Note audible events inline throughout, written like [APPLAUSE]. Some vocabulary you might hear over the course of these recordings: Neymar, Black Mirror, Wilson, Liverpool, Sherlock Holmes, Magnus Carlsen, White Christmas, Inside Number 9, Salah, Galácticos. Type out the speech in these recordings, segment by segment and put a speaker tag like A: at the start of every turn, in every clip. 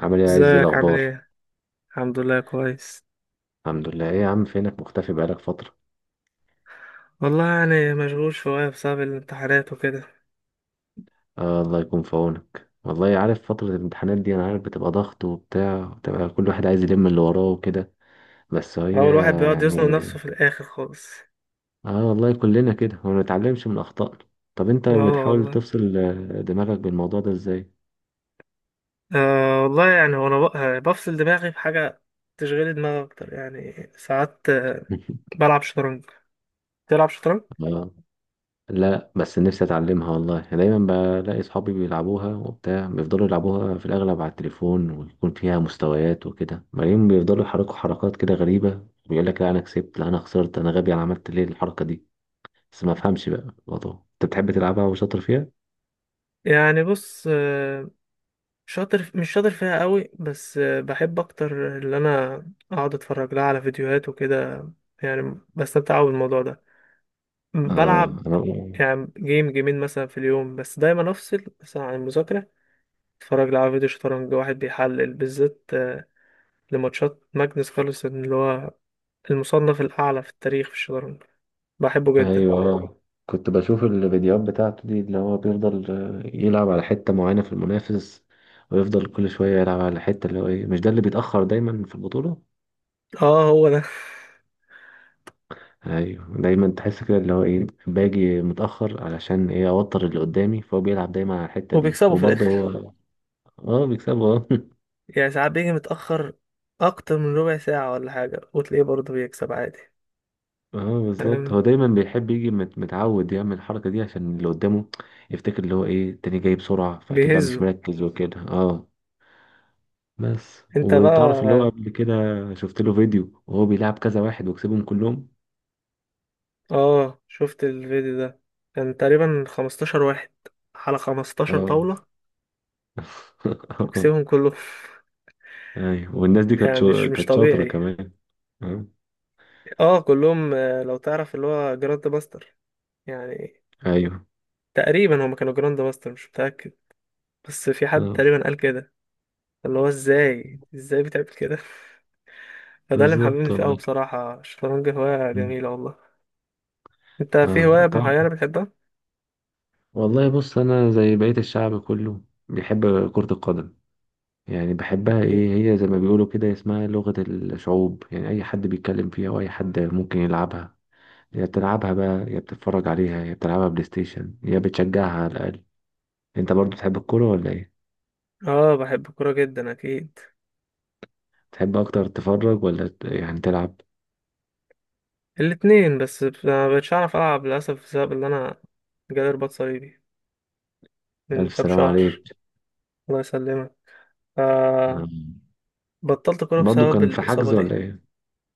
A: عامل ايه يا عز؟ إيه
B: ازيك عامل
A: الاخبار؟
B: ايه؟ الحمد لله كويس.
A: الحمد لله، ايه يا عم فينك مختفي بقالك فتره؟
B: والله يعني مشغول شوية بسبب الامتحانات وكده.
A: الله يكون في عونك، والله عارف فتره الامتحانات دي، انا عارف بتبقى ضغط وبتاع، بتبقى كل واحد عايز يلم اللي وراه وكده. بس هي
B: هو الواحد بيقعد يزنق
A: يعني
B: نفسه في الآخر خالص.
A: اه والله كلنا كده وما نتعلمش من اخطائنا. طب انت
B: اه
A: بتحاول
B: والله.
A: تفصل دماغك بالموضوع ده ازاي؟
B: آه والله يعني وانا بفصل دماغي بحاجة. تشغيل دماغي أكتر يعني ساعات
A: [LAUGHS]
B: بلعب شطرنج. تلعب شطرنج؟
A: اه، لا بس نفسي اتعلمها والله. أنا دايما بلاقي اصحابي بيلعبوها وبتاع، بيفضلوا يلعبوها في الاغلب على التليفون، ويكون فيها مستويات وكده، بعدين بيفضلوا يحركوا حركات كده غريبة، بيقول لك لا انا كسبت، لا انا خسرت، انا غبي، انا عملت ليه الحركة دي؟ بس ما افهمش بقى الموضوع. انت بتحب تلعبها وشاطر فيها؟
B: يعني بص، شاطر مش شاطر فيها قوي بس بحب أكتر إن أنا أقعد أتفرج لها على فيديوهات وكده. يعني بستمتع أوي بالموضوع ده.
A: اه.
B: بلعب
A: مم. انا
B: يعني جيم جيمين مثلا في اليوم، بس دايما افصل مثلا عن المذاكرة. اتفرج لي على فيديو شطرنج واحد بيحلل بالذات لماتشات ماجنس كارلسن، اللي هو المصنف الأعلى في التاريخ في الشطرنج. بحبه جدا.
A: ايوه كنت بشوف الفيديوهات بتاعته دي، اللي هو بيفضل يلعب على حتة معينة في المنافس، ويفضل كل شوية يلعب على الحتة. اللي هو ايه مش ده اللي بيتأخر دايما في البطولة؟
B: اه هو ده [LAUGHS]
A: ايوه دايما تحس كده اللي هو ايه باجي متاخر، علشان ايه اوتر اللي قدامي، فهو بيلعب دايما على الحته دي،
B: وبيكسبوا في
A: وبرضه
B: الآخر.
A: هو اه بيكسبه اه. [LAUGHS]
B: يعني ساعات بيجي متأخر أكتر من ربع ساعة ولا حاجة، وتلاقيه برضه بيكسب عادي.
A: اه بالظبط،
B: تمام.
A: هو دايما بيحب يجي متعود يعمل الحركه دي عشان اللي قدامه يفتكر اللي هو ايه التاني جاي بسرعه، فاكيد بقى مش
B: بيهزوا.
A: مركز وكده. اه بس.
B: انت
A: وتعرف اللي هو
B: بقى.
A: قبل كده شفت له فيديو وهو بيلعب كذا واحد وكسبهم كلهم.
B: اه شفت الفيديو ده، كان تقريبا 15 واحد على 15
A: اه.
B: طاولة،
A: [LAUGHS]
B: وكسبهم كلهم [LAUGHS]
A: ايوه، والناس دي كانت
B: يعني مش مش
A: كانت شاطره
B: طبيعي.
A: كمان. اه.
B: اه كلهم. لو تعرف اللي هو جراند باستر يعني.
A: ايوه.
B: تقريبا هما كانوا جراند باستر، مش متأكد، بس في حد
A: اه
B: تقريبا قال كده، اللي هو ازاي ازاي بتعمل كده [LAUGHS] فده اللي محببني
A: بالظبط
B: فيه قوي
A: والله.
B: بصراحة. الشطرنج هواية
A: مم.
B: جميلة والله. انت في
A: اه
B: هواية
A: طبعا.
B: معينة بتحبها؟
A: والله بص انا زي بقية الشعب كله بيحب كرة القدم، يعني بحبها،
B: اكيد.
A: ايه هي زي ما بيقولوا كده اسمها لغة الشعوب، يعني اي حد بيتكلم فيها، واي حد ممكن يلعبها. يا بتلعبها بقى، يا بتتفرج عليها، يا بتلعبها بلاي ستيشن، يا بتشجعها على الاقل. انت برضو تحب الكورة ولا ايه؟
B: اه بحب الكورة جدا اكيد.
A: تحب اكتر تتفرج ولا يعني تلعب؟
B: الاتنين، بس ما بقتش اعرف العب للأسف بسبب اللي انا جالي رباط صليبي من
A: الف
B: كام
A: سلام
B: شهر.
A: عليك.
B: الله يسلمك.
A: آه.
B: آه، بطلت كورة
A: برضو
B: بسبب
A: كان في
B: الإصابة
A: حجز
B: دي.
A: ولا ايه؟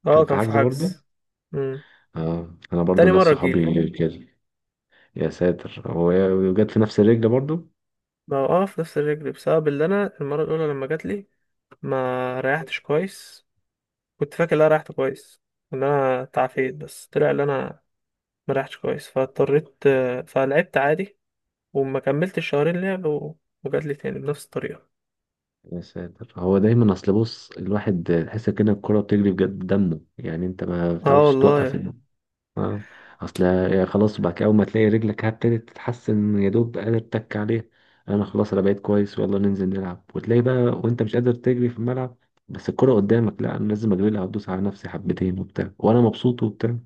B: اه
A: كان في
B: كان في
A: حجز برضو.
B: حجز. مم.
A: اه انا برضو
B: تاني
A: ناس
B: مرة تجيلي.
A: صحابي كده. يا ساتر. هو وجت في نفس الرجل برضو؟
B: ما هو في نفس الرجل بسبب اللي أنا المرة الأولى لما جاتلي ما ريحتش كويس. كنت فاكر إن أنا ريحت كويس، إن أنا تعافيت، بس طلع إن أنا ما ريحتش كويس، فاضطريت فلعبت عادي. وما كملتش شهرين لعب وجاتلي تاني بنفس الطريقة.
A: يا ساتر. هو دايما اصل بص الواحد تحس كده الكرة بتجري بجد دمه، يعني انت ما
B: اه
A: بتعرفش توقف
B: والله.
A: اه. اصل يا خلاص بقى، اول ما تلاقي رجلك هبتدت تتحسن، يا دوب قادر تك عليه. انا خلاص انا بقيت كويس ويلا ننزل نلعب، وتلاقي بقى وانت مش قادر تجري في الملعب، بس الكرة قدامك، لا انا لازم اجري لها وادوس على نفسي حبتين وبتاع، وانا مبسوط وبتاع.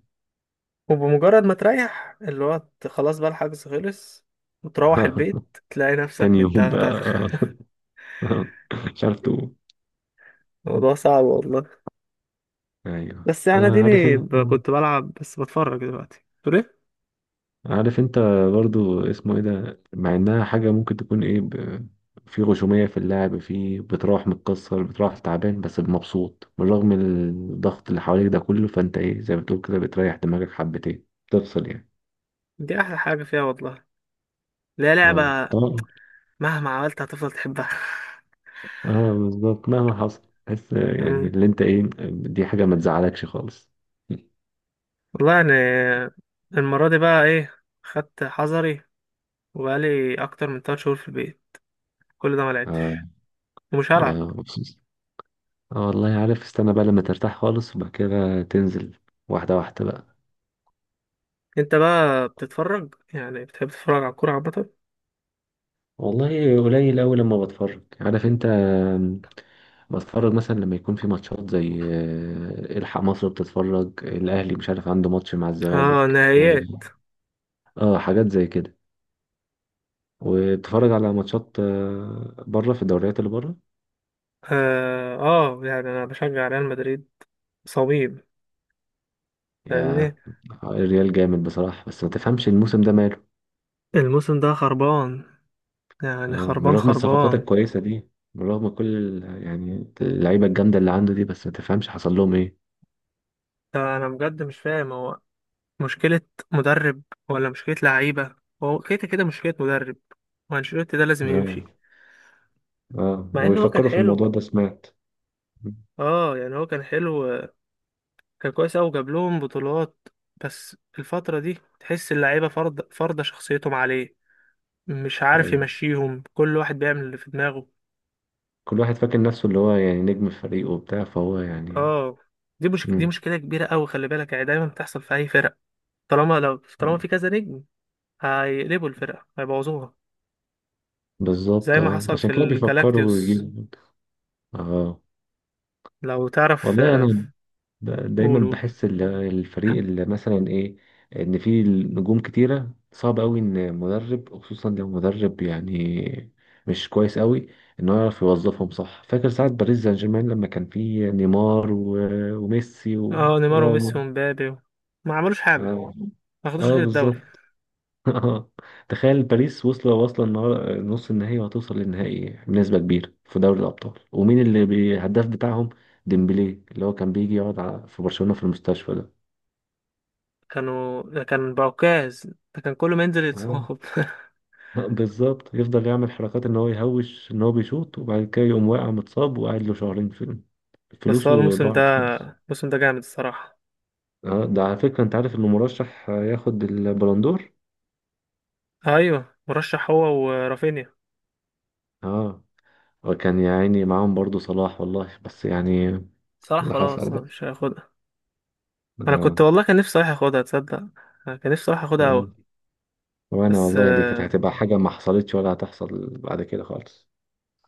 B: وبمجرد ما تريح اللي هو خلاص بقى الحجز خلص وتروح
A: [LAUGHS]
B: البيت تلاقي نفسك
A: تاني يوم
B: متدغدغ.
A: بقى. [LAUGHS] مش عارف تقوم.
B: الموضوع صعب والله.
A: ايوه.
B: بس
A: هو
B: انا
A: عارف انت،
B: كنت بلعب بس بتفرج دلوقتي تقول ايه.
A: عارف انت برضو اسمه ايه ده، مع انها حاجة ممكن تكون ايه ب... في غشومية في اللعب، في بتروح متكسر، بتروح تعبان بس مبسوط بالرغم من الضغط اللي حواليك ده كله، فانت ايه زي ما بتقول كده بتريح دماغك حبتين، تفصل
B: دي احلى حاجه فيها والله. لا لعبه.
A: اه طبعا.
B: مهما عملت هتفضل تحبها.
A: اه بالظبط مهما حصل. بس
B: [LAUGHS] مم.
A: اللي انت ايه، دي حاجة ما تزعلكش خالص.
B: والله يعني المره دي بقى ايه، خدت حذري وبقالي اكتر من 3 شهور في البيت كل ده ما لعبتش.
A: اه
B: ومش
A: بقى
B: هلعب.
A: مبسوط. اه والله عارف، استنى بقى لما ترتاح خالص وبعد كده تنزل واحدة واحدة بقى.
B: انت بقى بتتفرج؟ يعني بتحب تتفرج على الكوره عامه؟
A: والله قليل أوي لما بتفرج، عارف انت بتفرج مثلا لما يكون في ماتشات زي الحق مصر، بتتفرج الأهلي مش عارف عنده ماتش مع
B: اه
A: الزمالك،
B: نهائيات.
A: اه حاجات زي كده. وبتفرج على ماتشات بره في الدوريات اللي بره.
B: يعني انا بشجع ريال مدريد، صميم، فاهمني.
A: يا الريال جامد بصراحة، بس ما تفهمش الموسم ده ماله.
B: الموسم ده خربان، يعني
A: من
B: خربان
A: رغم الصفقات
B: خربان.
A: الكويسة دي، من رغم كل اللعيبة الجامدة اللي عنده دي، بس ما تفهمش حصل لهم ايه.
B: انا بجد مش فاهم هو مشكلة مدرب ولا مشكلة لعيبة. هو كده كده مشكلة مدرب، وانشيلوتي ده لازم
A: اه.
B: يمشي.
A: اه
B: مع انه هو كان
A: ويفكروا في
B: حلو.
A: الموضوع ده، سمعت.
B: اه يعني هو كان حلو، كان كويس اوي، جاب لهم بطولات. بس الفترة دي تحس اللعيبة فرض فرضة شخصيتهم عليه، مش عارف
A: ايوه
B: يمشيهم، كل واحد بيعمل اللي في دماغه.
A: كل واحد فاكر نفسه اللي هو يعني نجم الفريق وبتاع، فهو
B: اه. دي مش دي
A: مم.
B: مشكلة كبيرة اوي، خلي بالك، يعني دايما بتحصل في اي فرق. طالما في كذا نجم هيقلبوا الفرقة هيبوظوها.
A: بالظبط
B: زي ما
A: اه،
B: حصل
A: عشان
B: في
A: كده بيفكروا
B: الجالاكتيوس.
A: يجيبوا. اه
B: لو تعرف
A: والله انا
B: آه،
A: دايما
B: قول قول.
A: بحس الفريق اللي مثلا ايه ان فيه نجوم كتيره، صعب قوي ان مدرب، خصوصا لو مدرب يعني مش كويس قوي، انه يعرف يوظفهم صح. فاكر ساعه باريس سان جيرمان لما كان فيه نيمار وميسي
B: اه نيمار
A: وراموس.
B: وميسي ومبابي ما عملوش حاجة.
A: اه.
B: ما خدوش
A: اه
B: غير الدوري.
A: بالظبط. [LAUGHS] اه. تخيل باريس واصلة واصلة نص النهائي، وهتوصل للنهائي بنسبة كبيرة في دوري الأبطال، ومين اللي الهداف بتاعهم؟ ديمبلي. اللي هو كان بيجي يقعد في برشلونة في المستشفى ده.
B: كانوا، ده كان بعكاز، ده كان كل ما ينزل
A: آه.
B: يتصاب [LAUGHS]
A: [LAUGHS] بالظبط، يفضل يعمل حركات ان هو يهوش ان هو بيشوط، وبعد كده يقوم واقع متصاب وقاعد له شهرين في،
B: بس هو
A: فلوسه
B: الموسم ده
A: ضاعت خالص.
B: الموسم ده جامد الصراحة.
A: اه ده على فكرة انت عارف انه مرشح ياخد البلندور.
B: ايوه مرشح هو ورافينيا.
A: اه. وكان يا عيني معاهم برضو صلاح والله، بس
B: صلاح
A: اللي حصل
B: خلاص هو
A: بقى.
B: مش هياخدها. انا
A: اه.
B: كنت والله كان نفسي صلاح ياخدها، تصدق؟ أنا كان نفسي صلاح ياخدها اوي.
A: آه. وانا
B: بس
A: والله دي كانت
B: آه،
A: هتبقى حاجة ما حصلتش ولا هتحصل بعد كده خالص.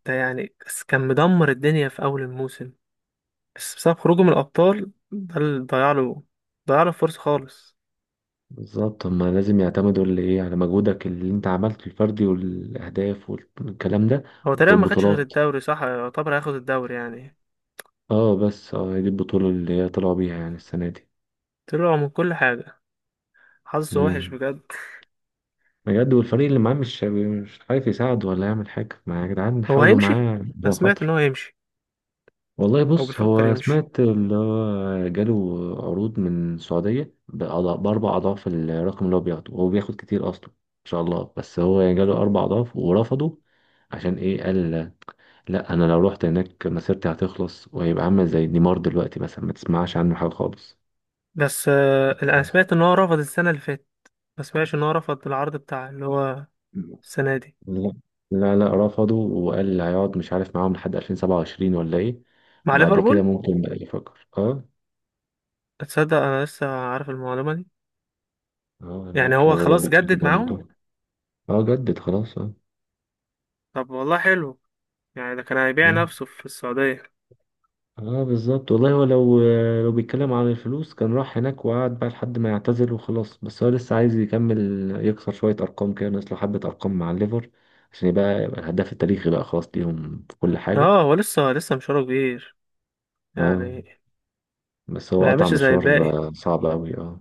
B: ده يعني بس كان مدمر الدنيا في اول الموسم، بس بسبب خروجه من الابطال ده اللي ضيع له فرصة خالص.
A: بالظبط، هما لازم يعتمدوا اللي ايه على مجهودك اللي انت عملته الفردي والاهداف والكلام ده
B: هو تقريبا ما خدش غير
A: والبطولات.
B: الدوري، صح؟ يعتبر هياخد الدوري يعني.
A: اه بس اه دي البطولة اللي هي طلعوا بيها يعني السنة دي.
B: طلع من كل حاجة، حظه وحش
A: امم.
B: بجد.
A: بجد، والفريق اللي معاه مش عارف يساعد ولا يعمل حاجة، ما يا جدعان
B: هو
A: حاولوا
B: هيمشي.
A: معاه
B: أنا
A: عشان
B: سمعت
A: خاطره.
B: إن هو هيمشي
A: والله
B: أو
A: بص
B: بيفكر
A: هو
B: يمشي.
A: سمعت اللي هو جاله عروض من السعودية بأربع أضعاف الرقم اللي هو بياخده، وهو بياخد كتير أصلا إن شاء الله، بس هو يعني جاله أربع أضعاف ورفضه. عشان إيه؟ قال لأ أنا لو رحت هناك مسيرتي هتخلص، وهيبقى عامل زي نيمار دلوقتي مثلا ما تسمعش عنه حاجة خالص.
B: بس آه، أنا سمعت إن هو رفض السنة اللي فاتت، ما سمعتش إن هو رفض العرض بتاع اللي هو السنة دي
A: لا. لا رفضه، وقال هيقعد مش عارف معاهم لحد 2027 ولا إيه،
B: مع
A: وبعد كده
B: ليفربول.
A: ممكن بقى يفكر أه.
B: تصدق أنا لسه عارف المعلومة دي.
A: أه لأ
B: يعني هو
A: كانوا
B: خلاص جدد
A: بيتكلموا عن
B: معاهم؟
A: الموضوع. أه جدد خلاص أه.
B: طب والله حلو. يعني ده كان هيبيع نفسه في السعودية.
A: اه بالظبط والله. هو لو لو بيتكلم عن الفلوس كان راح هناك وقعد بقى لحد ما يعتزل وخلاص، بس هو لسه عايز يكمل، يكسر شوية أرقام كده، ناقص له حبة أرقام مع الليفر، عشان يبقى يبقى الهداف التاريخي بقى خلاص ليهم في كل حاجة.
B: اه هو لسه مشواره كبير
A: اه.
B: يعني.
A: بس
B: ما
A: هو قطع
B: يعملش زي
A: مشوار.
B: الباقي.
A: صعب أوي اه.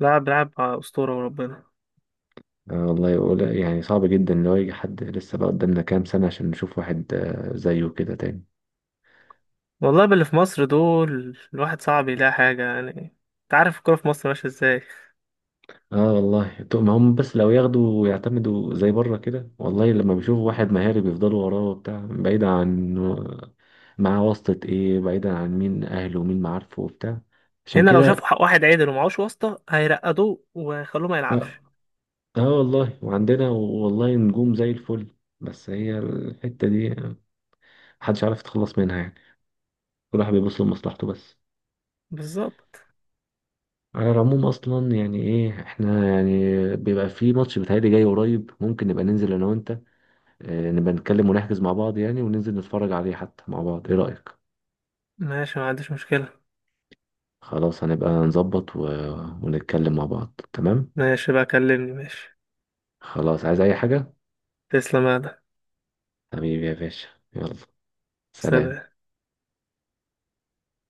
B: لاعب بيلعب على أسطورة وربنا.
A: والله يقول يعني صعب جدا لو يجي حد، لسه بقى قدامنا كام سنة عشان نشوف واحد زيه كده تاني.
B: والله باللي في مصر دول الواحد صعب يلاقي حاجة يعني، انت عارف الكورة في مصر ماشية ازاي.
A: اه والله. طب ما هم بس لو ياخدوا ويعتمدوا زي بره كده، والله لما بيشوفوا واحد مهاري بيفضلوا وراه وبتاع، بعيدا عن معاه واسطة ايه، بعيدا عن مين اهله ومين معارفه وبتاع، عشان
B: هنا لو شافوا
A: كده.
B: حق واحد عدل ومعهوش واسطة هيرقدوه ويخلوه ما يلعبش.
A: اه. والله وعندنا والله نجوم زي الفل، بس هي الحتة دي محدش عارف يتخلص منها يعني، كل واحد بيبص لمصلحته بس.
B: بالظبط.
A: على العموم اصلا يعني ايه احنا يعني بيبقى في ماتش بيتهيألي جاي قريب، ممكن نبقى ننزل انا وانت نبقى نتكلم ونحجز مع بعض يعني وننزل نتفرج عليه حتى مع بعض، ايه رأيك؟
B: ماشي، ما عنديش مشكلة.
A: خلاص هنبقى نظبط و... ونتكلم مع بعض، تمام.
B: ماشي بقى، كلمني، ماشي.
A: خلاص عايز اي حاجة.
B: تسلم يا آدم.
A: حبيبي يا باشا، يلا، سلام.
B: سلام.